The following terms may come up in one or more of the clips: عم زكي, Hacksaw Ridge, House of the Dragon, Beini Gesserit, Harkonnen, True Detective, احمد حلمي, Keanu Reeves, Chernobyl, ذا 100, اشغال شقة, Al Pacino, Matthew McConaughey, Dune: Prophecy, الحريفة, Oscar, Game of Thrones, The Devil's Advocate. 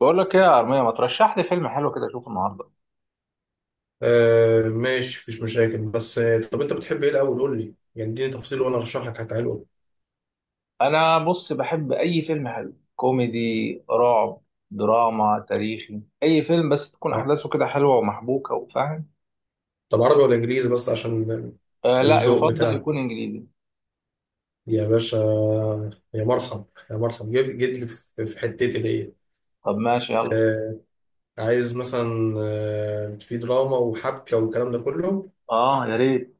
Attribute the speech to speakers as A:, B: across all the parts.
A: بقول لك ايه يا ارميه؟ ما ترشح لي فيلم حلو كده اشوفه النهارده.
B: آه، ماشي مفيش مشاكل بس طب انت بتحب ايه الاول قول لي يعني اديني تفصيل وانا ارشح لك حاجه حلوه.
A: انا بص بحب اي فيلم حلو، كوميدي، رعب، دراما، تاريخي، اي فيلم بس تكون
B: اه،
A: احداثه كده حلوه ومحبوكه وفاهم.
B: طب عربي ولا انجليزي بس عشان
A: آه لا،
B: الذوق
A: يفضل
B: بتاعك
A: يكون انجليزي.
B: يا باشا. يا مرحب، يا مرحب، جيت جيت لي في حتتي دي.
A: طب ماشي يلا.
B: آه، عايز مثلا في دراما وحبكه والكلام ده كله.
A: اه يا ريت.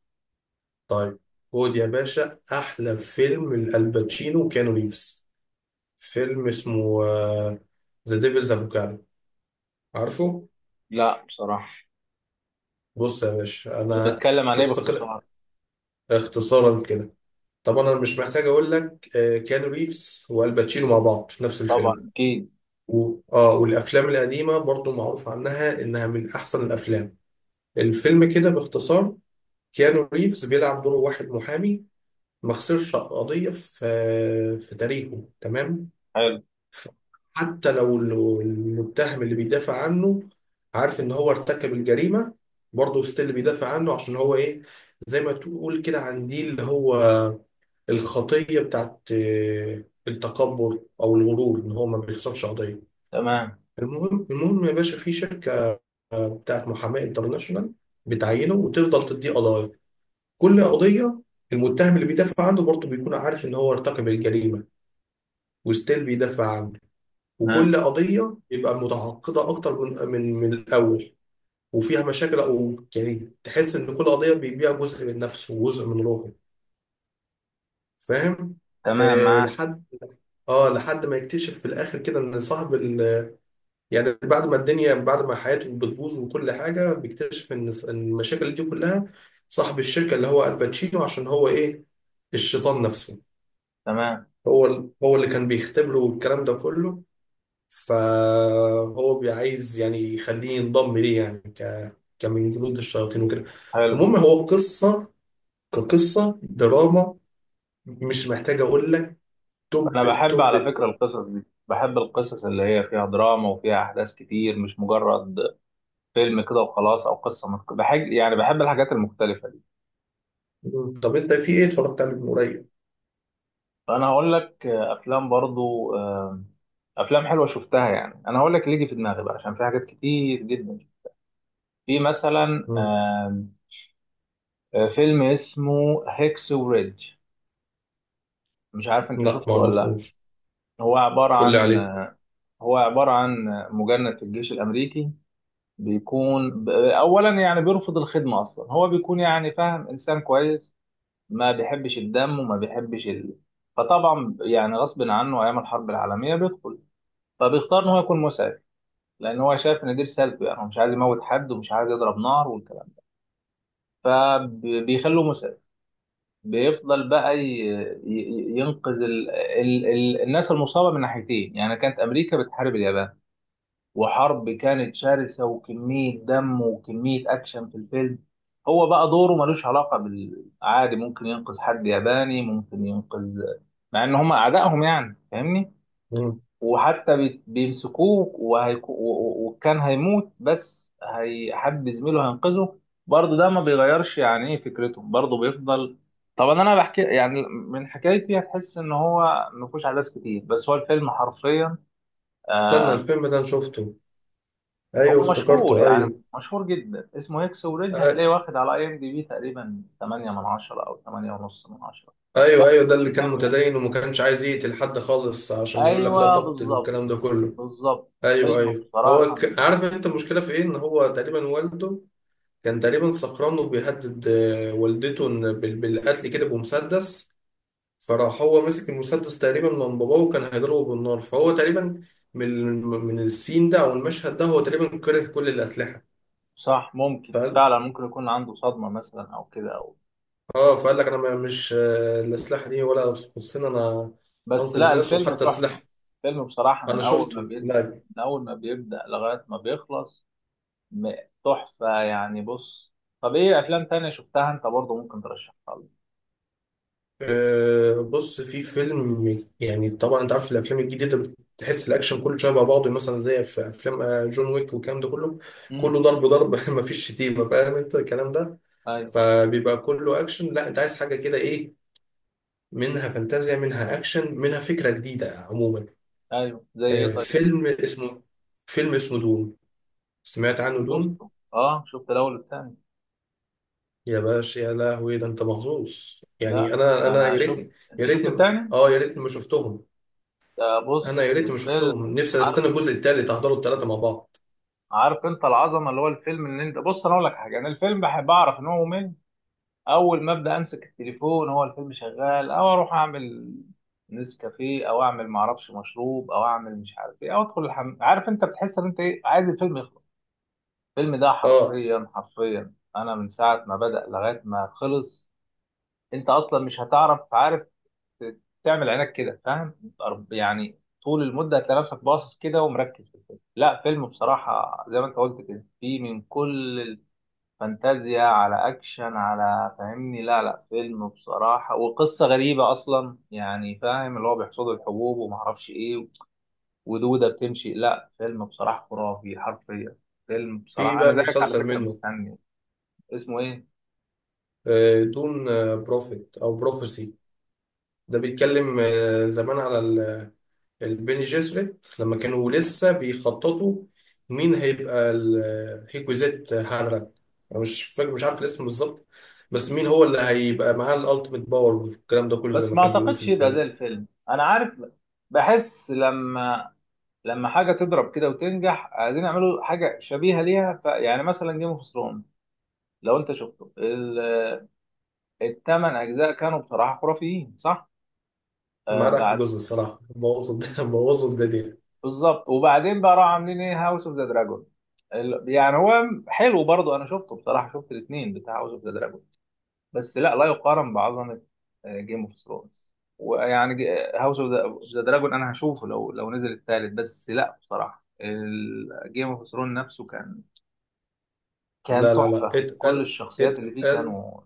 B: طيب، خد يا باشا احلى فيلم لالباتشينو كانو ريفز. فيلم اسمه ذا ديفلز افوكادو. عارفه؟
A: لا بصراحه.
B: بص يا باشا
A: طب
B: انا،
A: بيتكلم عن ايه
B: قصه كده،
A: باختصار؟
B: اختصارا كده، طبعا انا مش محتاج اقول لك، كيانو ريفز والباتشينو مع بعض في نفس
A: طبعا
B: الفيلم.
A: اكيد.
B: و... اه والافلام القديمه برضو معروف عنها انها من احسن الافلام. الفيلم كده باختصار، كيانو ريفز بيلعب دور واحد محامي ما خسرش قضيه في تاريخه، تمام.
A: حلو.
B: ف- حتى لو المتهم اللي بيدافع عنه عارف ان هو ارتكب الجريمه، برضه ستيل بيدافع عنه عشان هو ايه، زي ما تقول كده عن دي اللي هو الخطية بتاعت التكبر أو الغرور، إن هو ما بيخسرش قضية.
A: تمام.
B: المهم يا باشا، في شركة بتاعت محاماة انترناشونال بتعينه وتفضل تديه قضايا. كل قضية المتهم اللي بيدافع عنه برضه بيكون عارف إن هو ارتكب الجريمة، وستيل بيدافع عنه.
A: تمام.
B: وكل قضية يبقى متعقدة أكتر من الأول، وفيها مشاكل، أو يعني تحس إن كل قضية بيبيع جزء من نفسه وجزء من روحه. فاهم؟
A: تمام
B: آه،
A: معاك.
B: لحد، اه لحد ما يكتشف في الاخر كده ان صاحب ال... يعني بعد ما الدنيا، بعد ما حياته بتبوظ وكل حاجه، بيكتشف إن المشاكل دي كلها صاحب الشركه، اللي هو الباتشينو، عشان هو ايه، الشيطان نفسه.
A: تمام.
B: هو ال... هو اللي كان بيختبره والكلام ده كله. فهو عايز يعني يخليه ينضم ليه، يعني ك... كمن جنود الشياطين وكده.
A: حلو.
B: المهم هو قصه، كقصه دراما، مش محتاج اقول لك،
A: انا
B: توب
A: بحب
B: التوب
A: على فكره
B: التوب.
A: القصص دي، بحب القصص اللي هي فيها دراما وفيها احداث كتير، مش مجرد فيلم كده وخلاص او قصه بحب بحب الحاجات المختلفه دي.
B: طب انت في ايه اتفرجت عليه من قريب؟
A: فانا هقول لك افلام برضو، افلام حلوه شفتها. يعني انا هقول لك اللي يجي في دماغي بقى، عشان في حاجات كتير جدا. في مثلا فيلم اسمه هيكس وريدج، مش عارف انت
B: لا ما
A: شفته ولا لا.
B: اعرفوش،
A: هو عباره
B: قول لي
A: عن
B: عليه.
A: هو عباره عن مجند في الجيش الامريكي، بيكون اولا يعني بيرفض الخدمه اصلا. هو بيكون يعني فاهم، انسان كويس، ما بيحبش الدم وما بيحبش فطبعا يعني غصب عنه ايام الحرب العالميه بيدخل. فبيختار ان هو يكون مسعف، لان هو شايف ان دي رسالته. يعني هو مش عايز يموت حد ومش عايز يضرب نار والكلام ده، فبيخلوه مسعف. بيفضل بقى ينقذ الناس المصابه من ناحيتين. يعني كانت امريكا بتحارب اليابان، وحرب كانت شرسة وكمية دم وكمية أكشن في الفيلم. هو بقى دوره ملوش علاقة بالعادي، ممكن ينقذ حد ياباني، ممكن ينقذ مع إن هم أعدائهم يعني، فاهمني؟
B: مم.
A: وحتى بيمسكوه وكان هيموت، بس حد زميله هينقذه. برضه ده ما بيغيرش يعني إيه فكرته، برضه بيفضل. طبعا أنا بحكي يعني من حكايتي هتحس إن هو مفيهوش أحداث كتير، بس هو الفيلم حرفيا
B: استنى،
A: آه،
B: الفيلم ده انا شفته. ايوه
A: هو مشهور،
B: افتكرته،
A: يعني
B: ايوه.
A: مشهور جدا، اسمه هيكس وريد.
B: أي-
A: هتلاقيه واخد على اي ام دي بي تقريبا 8 من 10 او 8 ونص من 10.
B: ايوه
A: واخد
B: ايوه، ده اللي
A: تقييم
B: كان
A: حلو يعني.
B: متدين وما كانش عايز يقتل حد خالص عشان يقول لك لا
A: ايوه
B: تقتل
A: بالظبط.
B: والكلام ده كله.
A: بالظبط،
B: ايوه
A: فيلم
B: ايوه، هو
A: بصراحه.
B: ك... عارف انت المشكله في ايه، ان هو تقريبا والده كان تقريبا سكران وبيهدد والدته إن بالقتل كده بمسدس، فراح هو مسك المسدس تقريبا من باباه وكان هيضربه بالنار، فهو تقريبا من من السين ده او المشهد ده، هو تقريبا كره كل الاسلحه.
A: صح، ممكن فعلا ممكن يكون عنده صدمه مثلا او كده او.
B: اه، فقال لك انا مش الاسلحه دي ولا تخصني انا.
A: بس لا
B: انقذ ناس
A: الفيلم
B: وحتى سلاح.
A: تحفه. الفيلم بصراحه من
B: انا
A: اول ما
B: شفته،
A: بيبدا،
B: لا.
A: لغايه ما بيخلص، م- تحفه يعني. بص. طب ايه افلام تانية شفتها انت برضه ممكن ترشحها لي؟
B: آه، بص في فيلم، يعني طبعا انت عارف الافلام الجديده بتحس الاكشن كله شبه بعضه، مثلا زي في افلام جون ويك والكلام ده كله.
A: امم.
B: كله ضرب ضرب مفيش شتيمه، فاهم انت الكلام ده.
A: ايوه.
B: فبيبقى كله اكشن. لا، انت عايز حاجه كده ايه، منها فانتازيا، منها اكشن، منها فكره جديده عموما.
A: ايوه زي ايه
B: آه،
A: طيب؟
B: فيلم اسمه فيلم اسمه دون، سمعت عنه؟ دون.
A: شفته، اه شفت الاول والتاني.
B: يا باشا يا لهوي، ده انت محظوظ يعني.
A: لا
B: انا
A: ده
B: انا
A: انا
B: يا
A: شفت.
B: ريتني،
A: انت
B: يا
A: شفت
B: ريتني،
A: التاني؟
B: اه يا ريتني ما شفتهم.
A: ده
B: انا يا
A: بص
B: ريتني ما
A: الفيلم.
B: شفتهم، نفسي
A: عارف.
B: استنى الجزء التالت احضره التلاته مع بعض.
A: عارف انت العظمه اللي هو الفيلم اللي انت... بص، انا اقول لك حاجه. انا الفيلم بحب اعرف ان هو ممل، اول ما ابدا امسك التليفون، هو الفيلم شغال او اروح اعمل نسكافيه، او اعمل معرفش مشروب، او اعمل مش عارف ايه، او ادخل الحمام. عارف انت بتحس ان انت ايه، عايز الفيلم يخلص. الفيلم ده
B: اه،
A: حرفيا حرفيا انا من ساعه ما بدا لغايه ما خلص، انت اصلا مش هتعرف، عارف تعمل عينك كده، فاهم؟ يعني طول المده هتلاقي نفسك باصص كده ومركز في الفيلم. لا، فيلم بصراحه زي ما انت قلت كده، فيه من كل الفانتازيا على اكشن على، فاهمني؟ لا لا، فيلم بصراحه، وقصه غريبه اصلا، يعني فاهم، اللي هو بيحصدوا الحبوب وما اعرفش ايه ودوده بتمشي. لا، فيلم بصراحه خرافي حرفيا. فيلم
B: في
A: بصراحه
B: بقى
A: انا زيك على
B: المسلسل
A: فكره
B: منه،
A: مستني. اسمه ايه؟
B: آه، دون، بروفيت او بروفيسي. ده بيتكلم زمان على البيني جيسريت لما كانوا لسه بيخططوا مين هيبقى الهيكوزيت هانراك، انا مش فاكر مش عارف الاسم بالظبط، بس مين هو اللي هيبقى معاه الالتيميت باور والكلام ده كله زي
A: بس
B: ما
A: ما
B: كانوا بيقولوا في
A: اعتقدش يبقى زي
B: الفيلم.
A: الفيلم، انا عارف. بحس لما حاجه تضرب كده وتنجح، عايزين يعملوا حاجه شبيهه ليها. ف... يعني مثلا جيم اوف ثرونز، لو انت شفته الـ8 اجزاء كانوا بصراحه خرافيين، صح؟
B: ما
A: آه
B: عدا اخر
A: بعد.
B: جزء الصراحه بوظوا بوظوا الدنيا.
A: بالظبط. وبعدين بقى راحوا عاملين ايه، هاوس اوف ذا دراجون. يعني هو حلو برضه، انا شفته بصراحه، شفت الاثنين بتاع هاوس اوف ذا دراجون. بس لا، لا يقارن بعظمه جيم اوف ثرونز. ويعني هاوس اوف ذا دراجون انا هشوفه لو نزل الثالث. بس لا بصراحه، جيم اوف ثرونز نفسه كان
B: لا
A: تحفة، كل
B: اتقل،
A: الشخصيات اللي فيه
B: اتقل.
A: كانوا...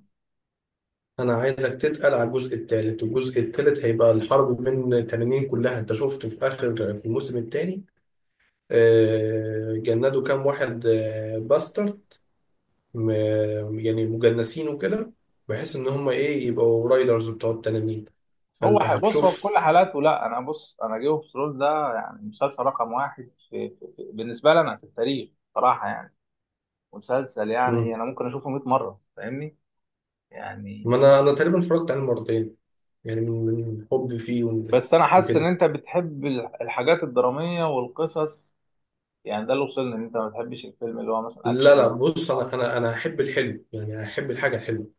B: انا عايزك تتقل على الجزء الثالث. والجزء الثالث هيبقى الحرب من تنانين كلها. انت شفت في اخر في الموسم الثاني، جندوا كام واحد باستر، م- يعني مجنسين وكده، بحيث ان هم ايه، يبقوا رايدرز بتوع التنانين،
A: هو
B: فانت
A: بص، هو في كل
B: هتشوف.
A: حالاته، لا انا بص، انا جيم اوف ثرونز ده يعني مسلسل رقم واحد بالنسبة لنا في التاريخ، صراحة يعني. مسلسل، يعني
B: مم.
A: انا ممكن اشوفه 100 مرة، فاهمني يعني.
B: ما انا انا تقريبا اتفرجت عليه مرتين يعني، من حبي فيه ومن-
A: بس انا حاسس ان
B: وكده.
A: انت بتحب الحاجات الدرامية والقصص، يعني ده اللي وصلني ان انت ما بتحبش الفيلم اللي هو مثلا اكشن
B: لا لا، بص
A: وخلاص.
B: انا احب الحلو، يعني احب الحاجه الحلوه.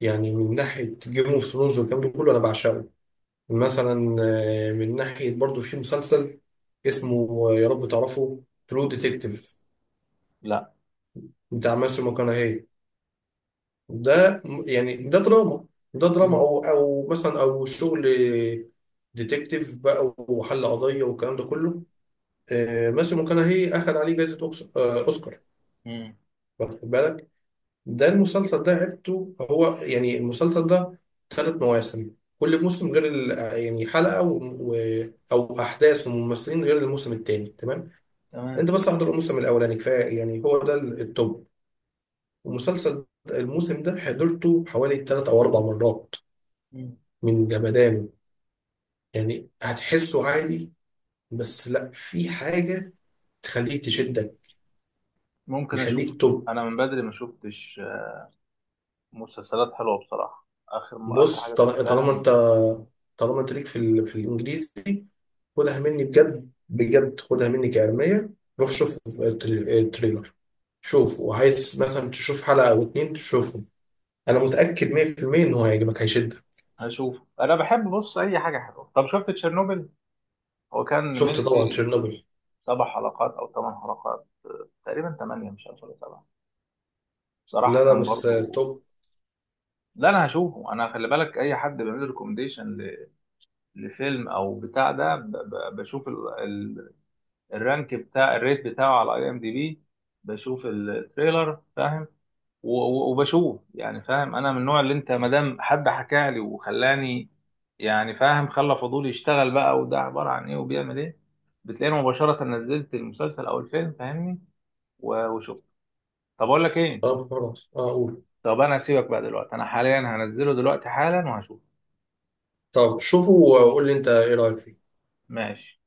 B: يعني من ناحيه جيم اوف ثرونز والكلام ده كله انا بعشقه. مثلا، من ناحيه برضو في مسلسل اسمه، يا رب تعرفه، ترو ديتكتيف،
A: لا.
B: بتاع ماسيو ماكونهي. يعني ده دراما، ده دراما
A: مم.
B: او او مثلا او شغل ديتكتيف بقى وحل قضيه والكلام ده كله. ماسيو ماكونهي اخذ عليه جائزه اوسكار،
A: مم.
B: واخد بالك. ده المسلسل ده عدته، هو يعني المسلسل ده ثلاث مواسم. كل موسم غير يعني حلقة أو أحداث وممثلين غير الموسم التاني، تمام.
A: تمام.
B: أنت بس احضر الموسم الأولاني كفاية، يعني هو ده التوب. المسلسل ده- الموسم ده حضرته حوالي ثلاث أو أربع مرات
A: مم.
B: من جمدانه. يعني هتحسه عادي، بس لا، في حاجة تخليك تشدك،
A: ممكن اشوف.
B: يخليك توب.
A: انا من بدري ما شفتش مسلسلات حلوة بصراحة. آخر... آخر
B: بص
A: حاجة
B: طالما
A: شفتها...
B: أنت، طالما أنت ليك في ال... في الإنجليزي، خدها مني بجد بجد، خدها مني كعلمية. روح شوف التريلر، شوف، وعايز مثلا تشوف حلقة أو اتنين تشوفهم. أنا متأكد 100% إن هو هيعجبك هيشدك.
A: هشوف. أنا بحب بص أي حاجة حلوة. طب شفت تشيرنوبل؟ هو كان
B: شفت
A: ميني
B: طبعا
A: سيريز،
B: تشيرنوبل.
A: 7 حلقات أو 8 حلقات، تقريبا 8، مش عارف ولا 7. بصراحة
B: لا لا،
A: كان
B: بس
A: برضو...
B: توب.
A: لا أنا هشوفه. أنا خلي بالك، أي حد بيعمل ريكومديشن لفيلم أو بتاع ده، بشوف الرانك بتاع الريت بتاعه على أي إم دي بي، بشوف التريلر فاهم، وبشوف يعني فاهم. انا من النوع اللي انت، ما دام حد حكى لي وخلاني يعني فاهم، خلى فضولي يشتغل بقى، وده عباره عن ايه وبيعمل ايه، بتلاقيني مباشره نزلت المسلسل او الفيلم، فاهمني؟ وشفت. طب اقول لك ايه.
B: طب خلاص أقول.
A: طب انا هسيبك بقى دلوقتي، انا حاليا هنزله دلوقتي حالا وهشوف.
B: طب شوفه وقول لي أنت إيه رأيك فيه.
A: ماشي.